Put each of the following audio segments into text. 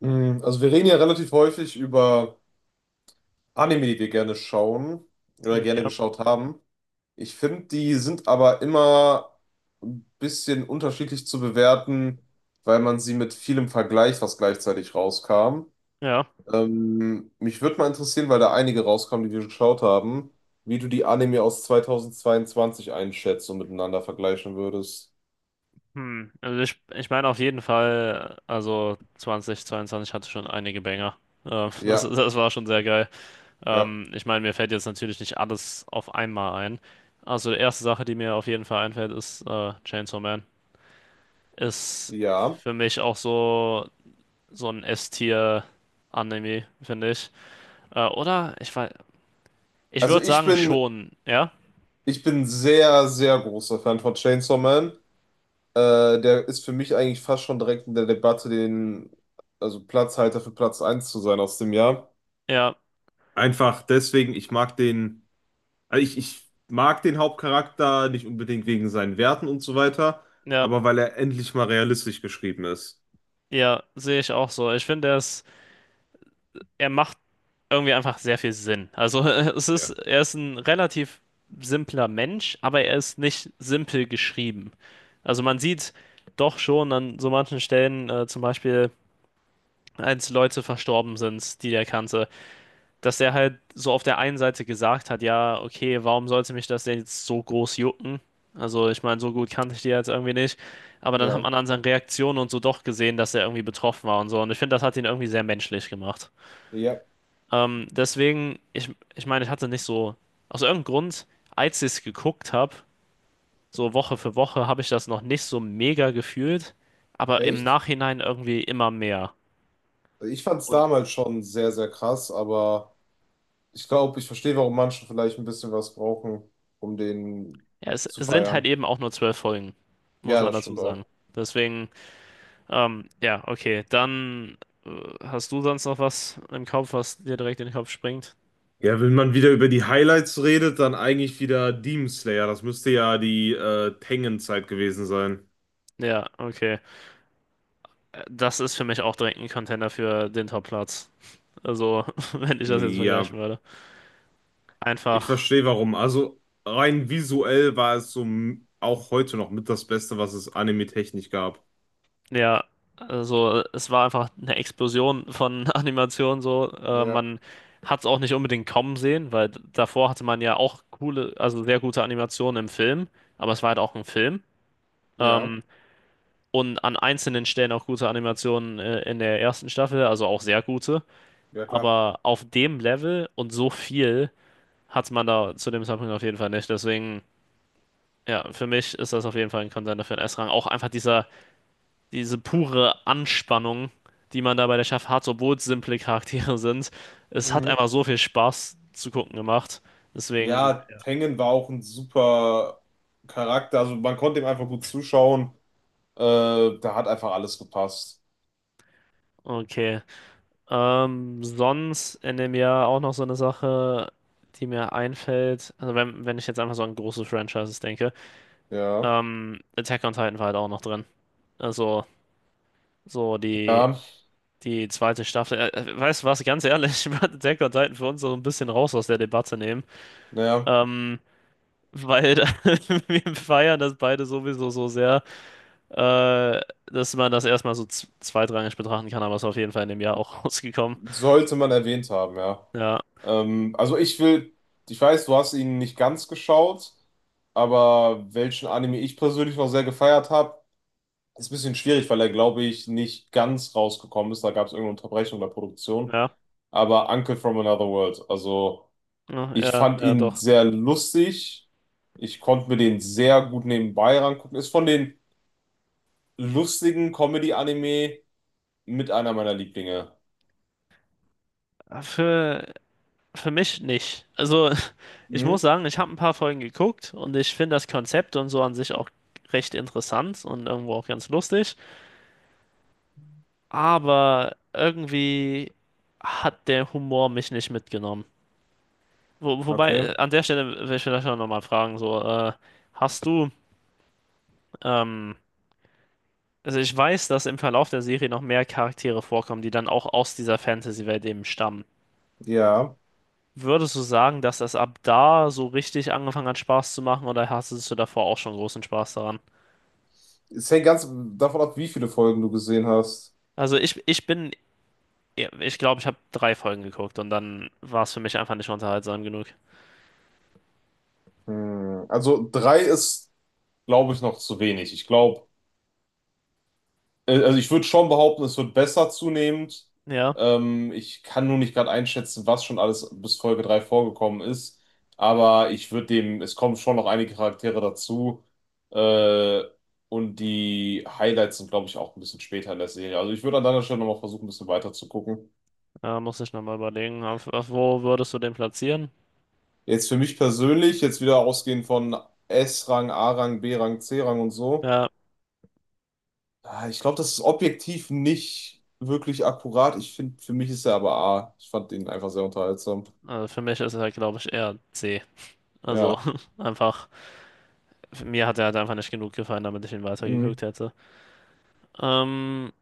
Also wir reden ja relativ häufig über Anime, die wir gerne schauen oder gerne Ja, geschaut haben. Ich finde, die sind aber immer ein bisschen unterschiedlich zu bewerten, weil man sie mit vielem vergleicht, was gleichzeitig rauskam. ja. Mich würde mal interessieren, weil da einige rauskamen, die wir geschaut haben, wie du die Anime aus 2022 einschätzt und miteinander vergleichen würdest. Hm. Also ich meine auf jeden Fall, also 2022 hatte schon einige Banger. Das, Ja, das war schon sehr geil. ja, Ich meine, mir fällt jetzt natürlich nicht alles auf einmal ein. Also die erste Sache, die mir auf jeden Fall einfällt, ist Chainsaw Man. Ist ja. für mich auch so, so ein S-Tier-Anime, finde ich. Oder? Ich weiß, ich Also würde ich sagen bin, schon, ja. ich bin sehr, sehr großer Fan von Chainsaw Man. Der ist für mich eigentlich fast schon direkt in der Debatte, den, also Platzhalter für Platz eins zu sein aus dem Jahr. Ja, Einfach deswegen, ich mag den, ich mag den Hauptcharakter nicht unbedingt wegen seinen Werten und so weiter, ja, aber weil er endlich mal realistisch geschrieben ist. ja, sehe ich auch so. Ich finde, er ist, er macht irgendwie einfach sehr viel Sinn. Also es ist, Ja. er ist ein relativ simpler Mensch, aber er ist nicht simpel geschrieben. Also man sieht doch schon an so manchen Stellen, zum Beispiel als Leute verstorben sind, die der kannte, dass er halt so auf der einen Seite gesagt hat, ja, okay, warum sollte mich das denn jetzt so groß jucken? Also ich meine, so gut kannte ich die jetzt irgendwie nicht. Aber dann hat Ja, man an seinen Reaktionen und so doch gesehen, dass er irgendwie betroffen war und so. Und ich finde, das hat ihn irgendwie sehr menschlich gemacht. ja, Deswegen, ich meine, ich hatte nicht so, aus irgendeinem Grund, als ich es geguckt habe, so Woche für Woche, habe ich das noch nicht so mega gefühlt, aber im echt? Nachhinein irgendwie immer mehr. Ich fand es Und damals schon sehr, sehr krass, aber ich glaube, ich verstehe, warum manche vielleicht ein bisschen was brauchen, um den ja, es, zu es sind halt feiern. eben auch nur 12 Folgen, muss Ja, man das dazu stimmt sagen. auch. Deswegen, ja, okay, dann äh, hast du sonst noch was im Kopf, was dir direkt in den Kopf springt? Ja, wenn man wieder über die Highlights redet, dann eigentlich wieder Demon Slayer. Das müsste ja die Tengen-Zeit gewesen sein. Ja, okay. Das ist für mich auch direkt ein Contender für den Top-Platz. Also, wenn ich das jetzt Ja, vergleichen würde. ich Einfach. verstehe warum. Also rein visuell war es so auch heute noch mit das Beste, was es anime-technisch gab. Ja, also es war einfach eine Explosion von Animationen so. Ja, Man hat es auch nicht unbedingt kommen sehen, weil davor hatte man ja auch coole, also sehr gute Animationen im Film, aber es war halt auch ein Film. ja, Ähm, und an einzelnen Stellen auch gute Animationen in der ersten Staffel, also auch sehr gute. ja klar. Aber auf dem Level und so viel hat man da zu dem Zeitpunkt auf jeden Fall nicht. Deswegen, ja, für mich ist das auf jeden Fall ein Contender für den S-Rang. Auch einfach diese pure Anspannung, die man da bei der Staffel hat, obwohl es simple Charaktere sind. Es hat Mhm. einfach so viel Spaß zu gucken gemacht. Deswegen, Ja, Tengen war auch ein super Charakter. Also man konnte ihm einfach gut zuschauen. Da hat einfach alles gepasst. okay. Sonst in dem Jahr auch noch so eine Sache, die mir einfällt. Also wenn ich jetzt einfach so an große Franchises denke, Ja. Attack on Titan war halt auch noch drin. Also so die, Ja, die zweite Staffel. Weißt du was, ganz ehrlich, ich würde Attack on Titan für uns so ein bisschen raus aus der Debatte nehmen. naja, Ähm, weil wir feiern das beide sowieso so sehr, äh, dass man das erstmal so zweitrangig betrachten kann, aber es ist auf jeden Fall in dem Jahr auch rausgekommen. sollte man erwähnt haben, ja. Ja, Ähm, also ich will, ich weiß, du hast ihn nicht ganz geschaut, aber welchen Anime ich persönlich noch sehr gefeiert habe, ist ein bisschen schwierig, weil er, glaube ich, nicht ganz rausgekommen ist. Da gab es irgendeine Unterbrechung der Produktion. ja, Aber Uncle from Another World, also ja, ich ja, fand ja, ihn doch. sehr lustig. Ich konnte mir den sehr gut nebenbei rangucken. Ist von den lustigen Comedy-Anime mit einer meiner Lieblinge. Für, für mich nicht. Also, ich muss Mhm, sagen, ich habe ein paar Folgen geguckt und ich finde das Konzept und so an sich auch recht interessant und irgendwo auch ganz lustig, aber irgendwie hat der Humor mich nicht mitgenommen. Wo, wobei, okay, an der Stelle will ich vielleicht auch nochmal fragen, so, hast du, ähm, also ich weiß, dass im Verlauf der Serie noch mehr Charaktere vorkommen, die dann auch aus dieser Fantasy-Welt eben stammen. ja. Würdest du sagen, dass das ab da so richtig angefangen hat, Spaß zu machen, oder hattest du davor auch schon großen Spaß daran? Es hängt ganz davon ab, wie viele Folgen du gesehen hast. Also ich bin, ja, ich glaube, ich habe drei Folgen geguckt und dann war es für mich einfach nicht unterhaltsam genug. Hm. Also drei ist, glaube ich, noch zu wenig. Ich glaube, also ich würde schon behaupten, es wird besser zunehmend. Ja, Ich kann nur nicht gerade einschätzen, was schon alles bis Folge drei vorgekommen ist. Aber ich würde dem, es kommen schon noch einige Charaktere dazu. Äh, und die Highlights sind, glaube ich, auch ein bisschen später in der Serie. Also ich würde an deiner Stelle nochmal versuchen, ein bisschen weiter zu gucken. Muss ich nochmal überlegen, auf wo würdest du den platzieren? Jetzt für mich persönlich, jetzt wieder ausgehend von S-Rang, A-Rang, B-Rang, C-Rang und so. Ja, Ich glaube, das ist objektiv nicht wirklich akkurat. Ich finde, für mich ist er aber A. Ich fand ihn einfach sehr unterhaltsam. also für mich ist er, glaube ich, eher C. Also Ja. einfach, mir hat er halt einfach nicht genug gefallen, damit ich ihn Mhm. weitergeguckt hätte. Ähm,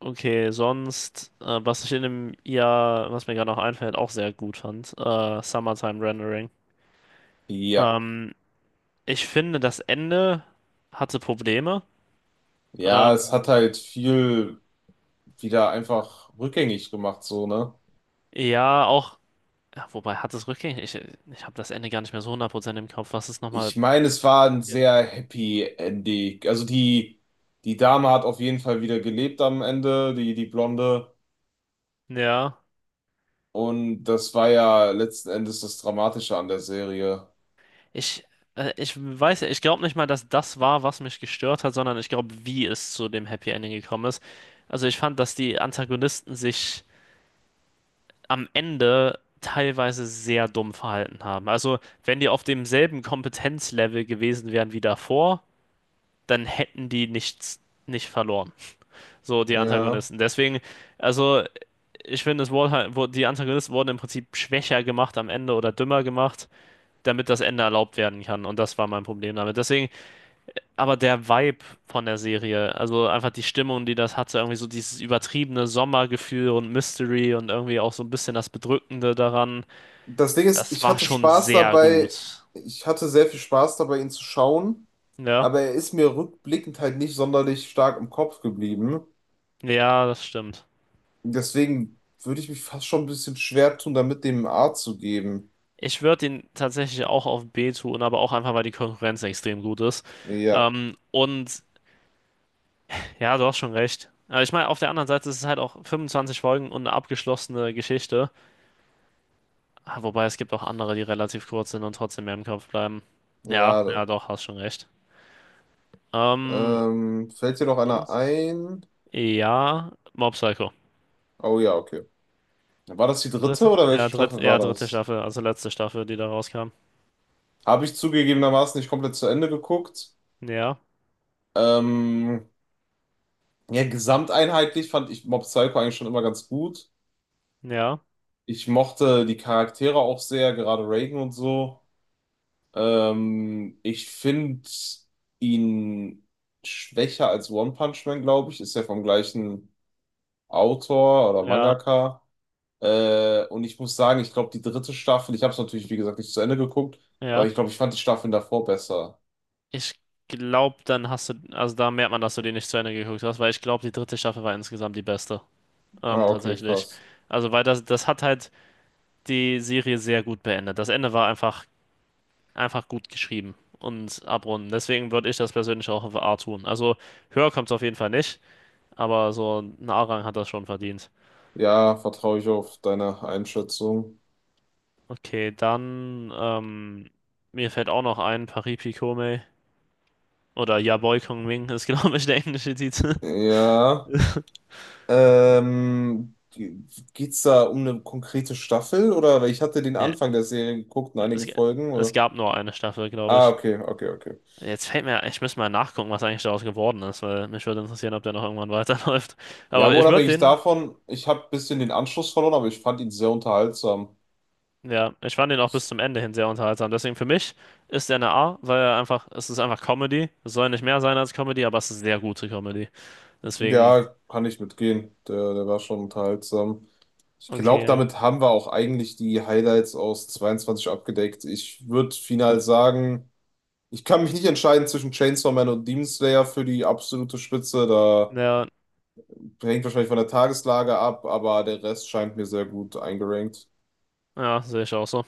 okay, sonst, was ich in dem Jahr, was mir gerade noch einfällt, auch sehr gut fand, Summertime Rendering. Ja. Ähm, ich finde, das Ende hatte Probleme. Ja, es hat Ähm, halt viel wieder einfach rückgängig gemacht, so, ne? ja, auch, ja, wobei hat es rückgängig, ich habe das Ende gar nicht mehr so 100% im Kopf, was ist nochmal, Ich meine, es war ein sehr happy Ending. Die Dame hat auf jeden Fall wieder gelebt am Ende, die, die Blonde. ja. Und das war ja letzten Endes das Dramatische an der Serie. Ich, ich weiß ja, ich glaube nicht mal, dass das war, was mich gestört hat, sondern ich glaube, wie es zu dem Happy Ending gekommen ist. Also ich fand, dass die Antagonisten sich am Ende teilweise sehr dumm verhalten haben. Also wenn die auf demselben Kompetenzlevel gewesen wären wie davor, dann hätten die nichts nicht verloren. So die Ja. Antagonisten. Deswegen, also ich finde, es wurde halt, wurde, die Antagonisten wurden im Prinzip schwächer gemacht am Ende oder dümmer gemacht, damit das Ende erlaubt werden kann. Und das war mein Problem damit. Deswegen aber der Vibe von der Serie, also einfach die Stimmung, die das hatte, irgendwie so dieses übertriebene Sommergefühl und Mystery und irgendwie auch so ein bisschen das Bedrückende daran, Das Ding ist, das ich war hatte schon Spaß sehr dabei, gut. ich hatte sehr viel Spaß dabei, ihn zu schauen, Ja, aber er ist mir rückblickend halt nicht sonderlich stark im Kopf geblieben. ja, das stimmt. Deswegen würde ich mich fast schon ein bisschen schwer tun, damit dem A zu geben. Ich würde ihn tatsächlich auch auf B tun, aber auch einfach, weil die Konkurrenz extrem gut ist. Ja, Und ja, du hast schon recht. Aber ich meine, auf der anderen Seite ist es halt auch 25 Folgen und eine abgeschlossene Geschichte. Ah, wobei es gibt auch andere, die relativ kurz sind und trotzdem mehr im Kopf bleiben. Ja, ja. ja, doch, hast schon recht. Ähm, Fällt dir noch einer Sonst? ein? Ja, Mob Psycho. Oh ja, okay. War das die dritte Dritte, oder ja, welche Staffel war ja, dritte das? Staffel, also letzte Staffel, die da rauskam. Habe ich zugegebenermaßen nicht komplett zu Ende geguckt. Ja, Ähm, ja, gesamteinheitlich fand ich Mob Psycho eigentlich schon immer ganz gut. ja, Ich mochte die Charaktere auch sehr, gerade Reagan und so. Ich finde ihn schwächer als One Punch Man, glaube ich. Ist ja vom gleichen Autor oder ja, Mangaka. Und ich muss sagen, ich glaube, die dritte Staffel, ich habe es natürlich, wie gesagt, nicht zu Ende geguckt, aber ja. ich glaube, ich fand die Staffeln davor besser. Ich glaube, dann hast du, also da merkt man, dass du die nicht zu Ende geguckt hast, weil ich glaube, die dritte Staffel war insgesamt die beste. Ah, okay, Tatsächlich. krass. Also, weil das hat halt die Serie sehr gut beendet. Das Ende war einfach, einfach gut geschrieben und abrunden. Deswegen würde ich das persönlich auch auf A tun. Also, höher kommt es auf jeden Fall nicht, aber so ein A-Rang hat das schon verdient. Ja, vertraue ich auf deine Einschätzung. Okay, dann, mir fällt auch noch ein, Paris Picome oder Yaboy Kongming ist, glaube ich, der englische Titel. Ja. Ähm, geht's da um eine konkrete Staffel oder weil ich hatte den Ja, Anfang der Serie geguckt und es, einige Folgen es oder? gab nur eine Staffel, glaube Ah, ich. okay, okay, okay. Jetzt fällt mir, ich müsste mal nachgucken, was eigentlich daraus geworden ist, weil mich würde interessieren, ob der noch irgendwann weiterläuft. Ja, Aber aber ich würde unabhängig den, davon, ich habe ein bisschen den Anschluss verloren, aber ich fand ihn sehr unterhaltsam. ja, ich fand den auch bis zum Ende hin sehr unterhaltsam. Deswegen für mich ist der eine A, weil er einfach, es ist einfach Comedy. Es soll nicht mehr sein als Comedy, aber es ist sehr gute Comedy. Deswegen, Ja, kann ich mitgehen. Der, der war schon unterhaltsam. Ich glaube, okay, damit haben wir auch eigentlich die Highlights aus 22 abgedeckt. Ich würde final sagen, ich kann mich nicht entscheiden zwischen Chainsaw Man und Demon Slayer für die absolute Spitze. Da ja, hängt wahrscheinlich von der Tageslage ab, aber der Rest scheint mir sehr gut eingerankt. ja, sehe ich auch so.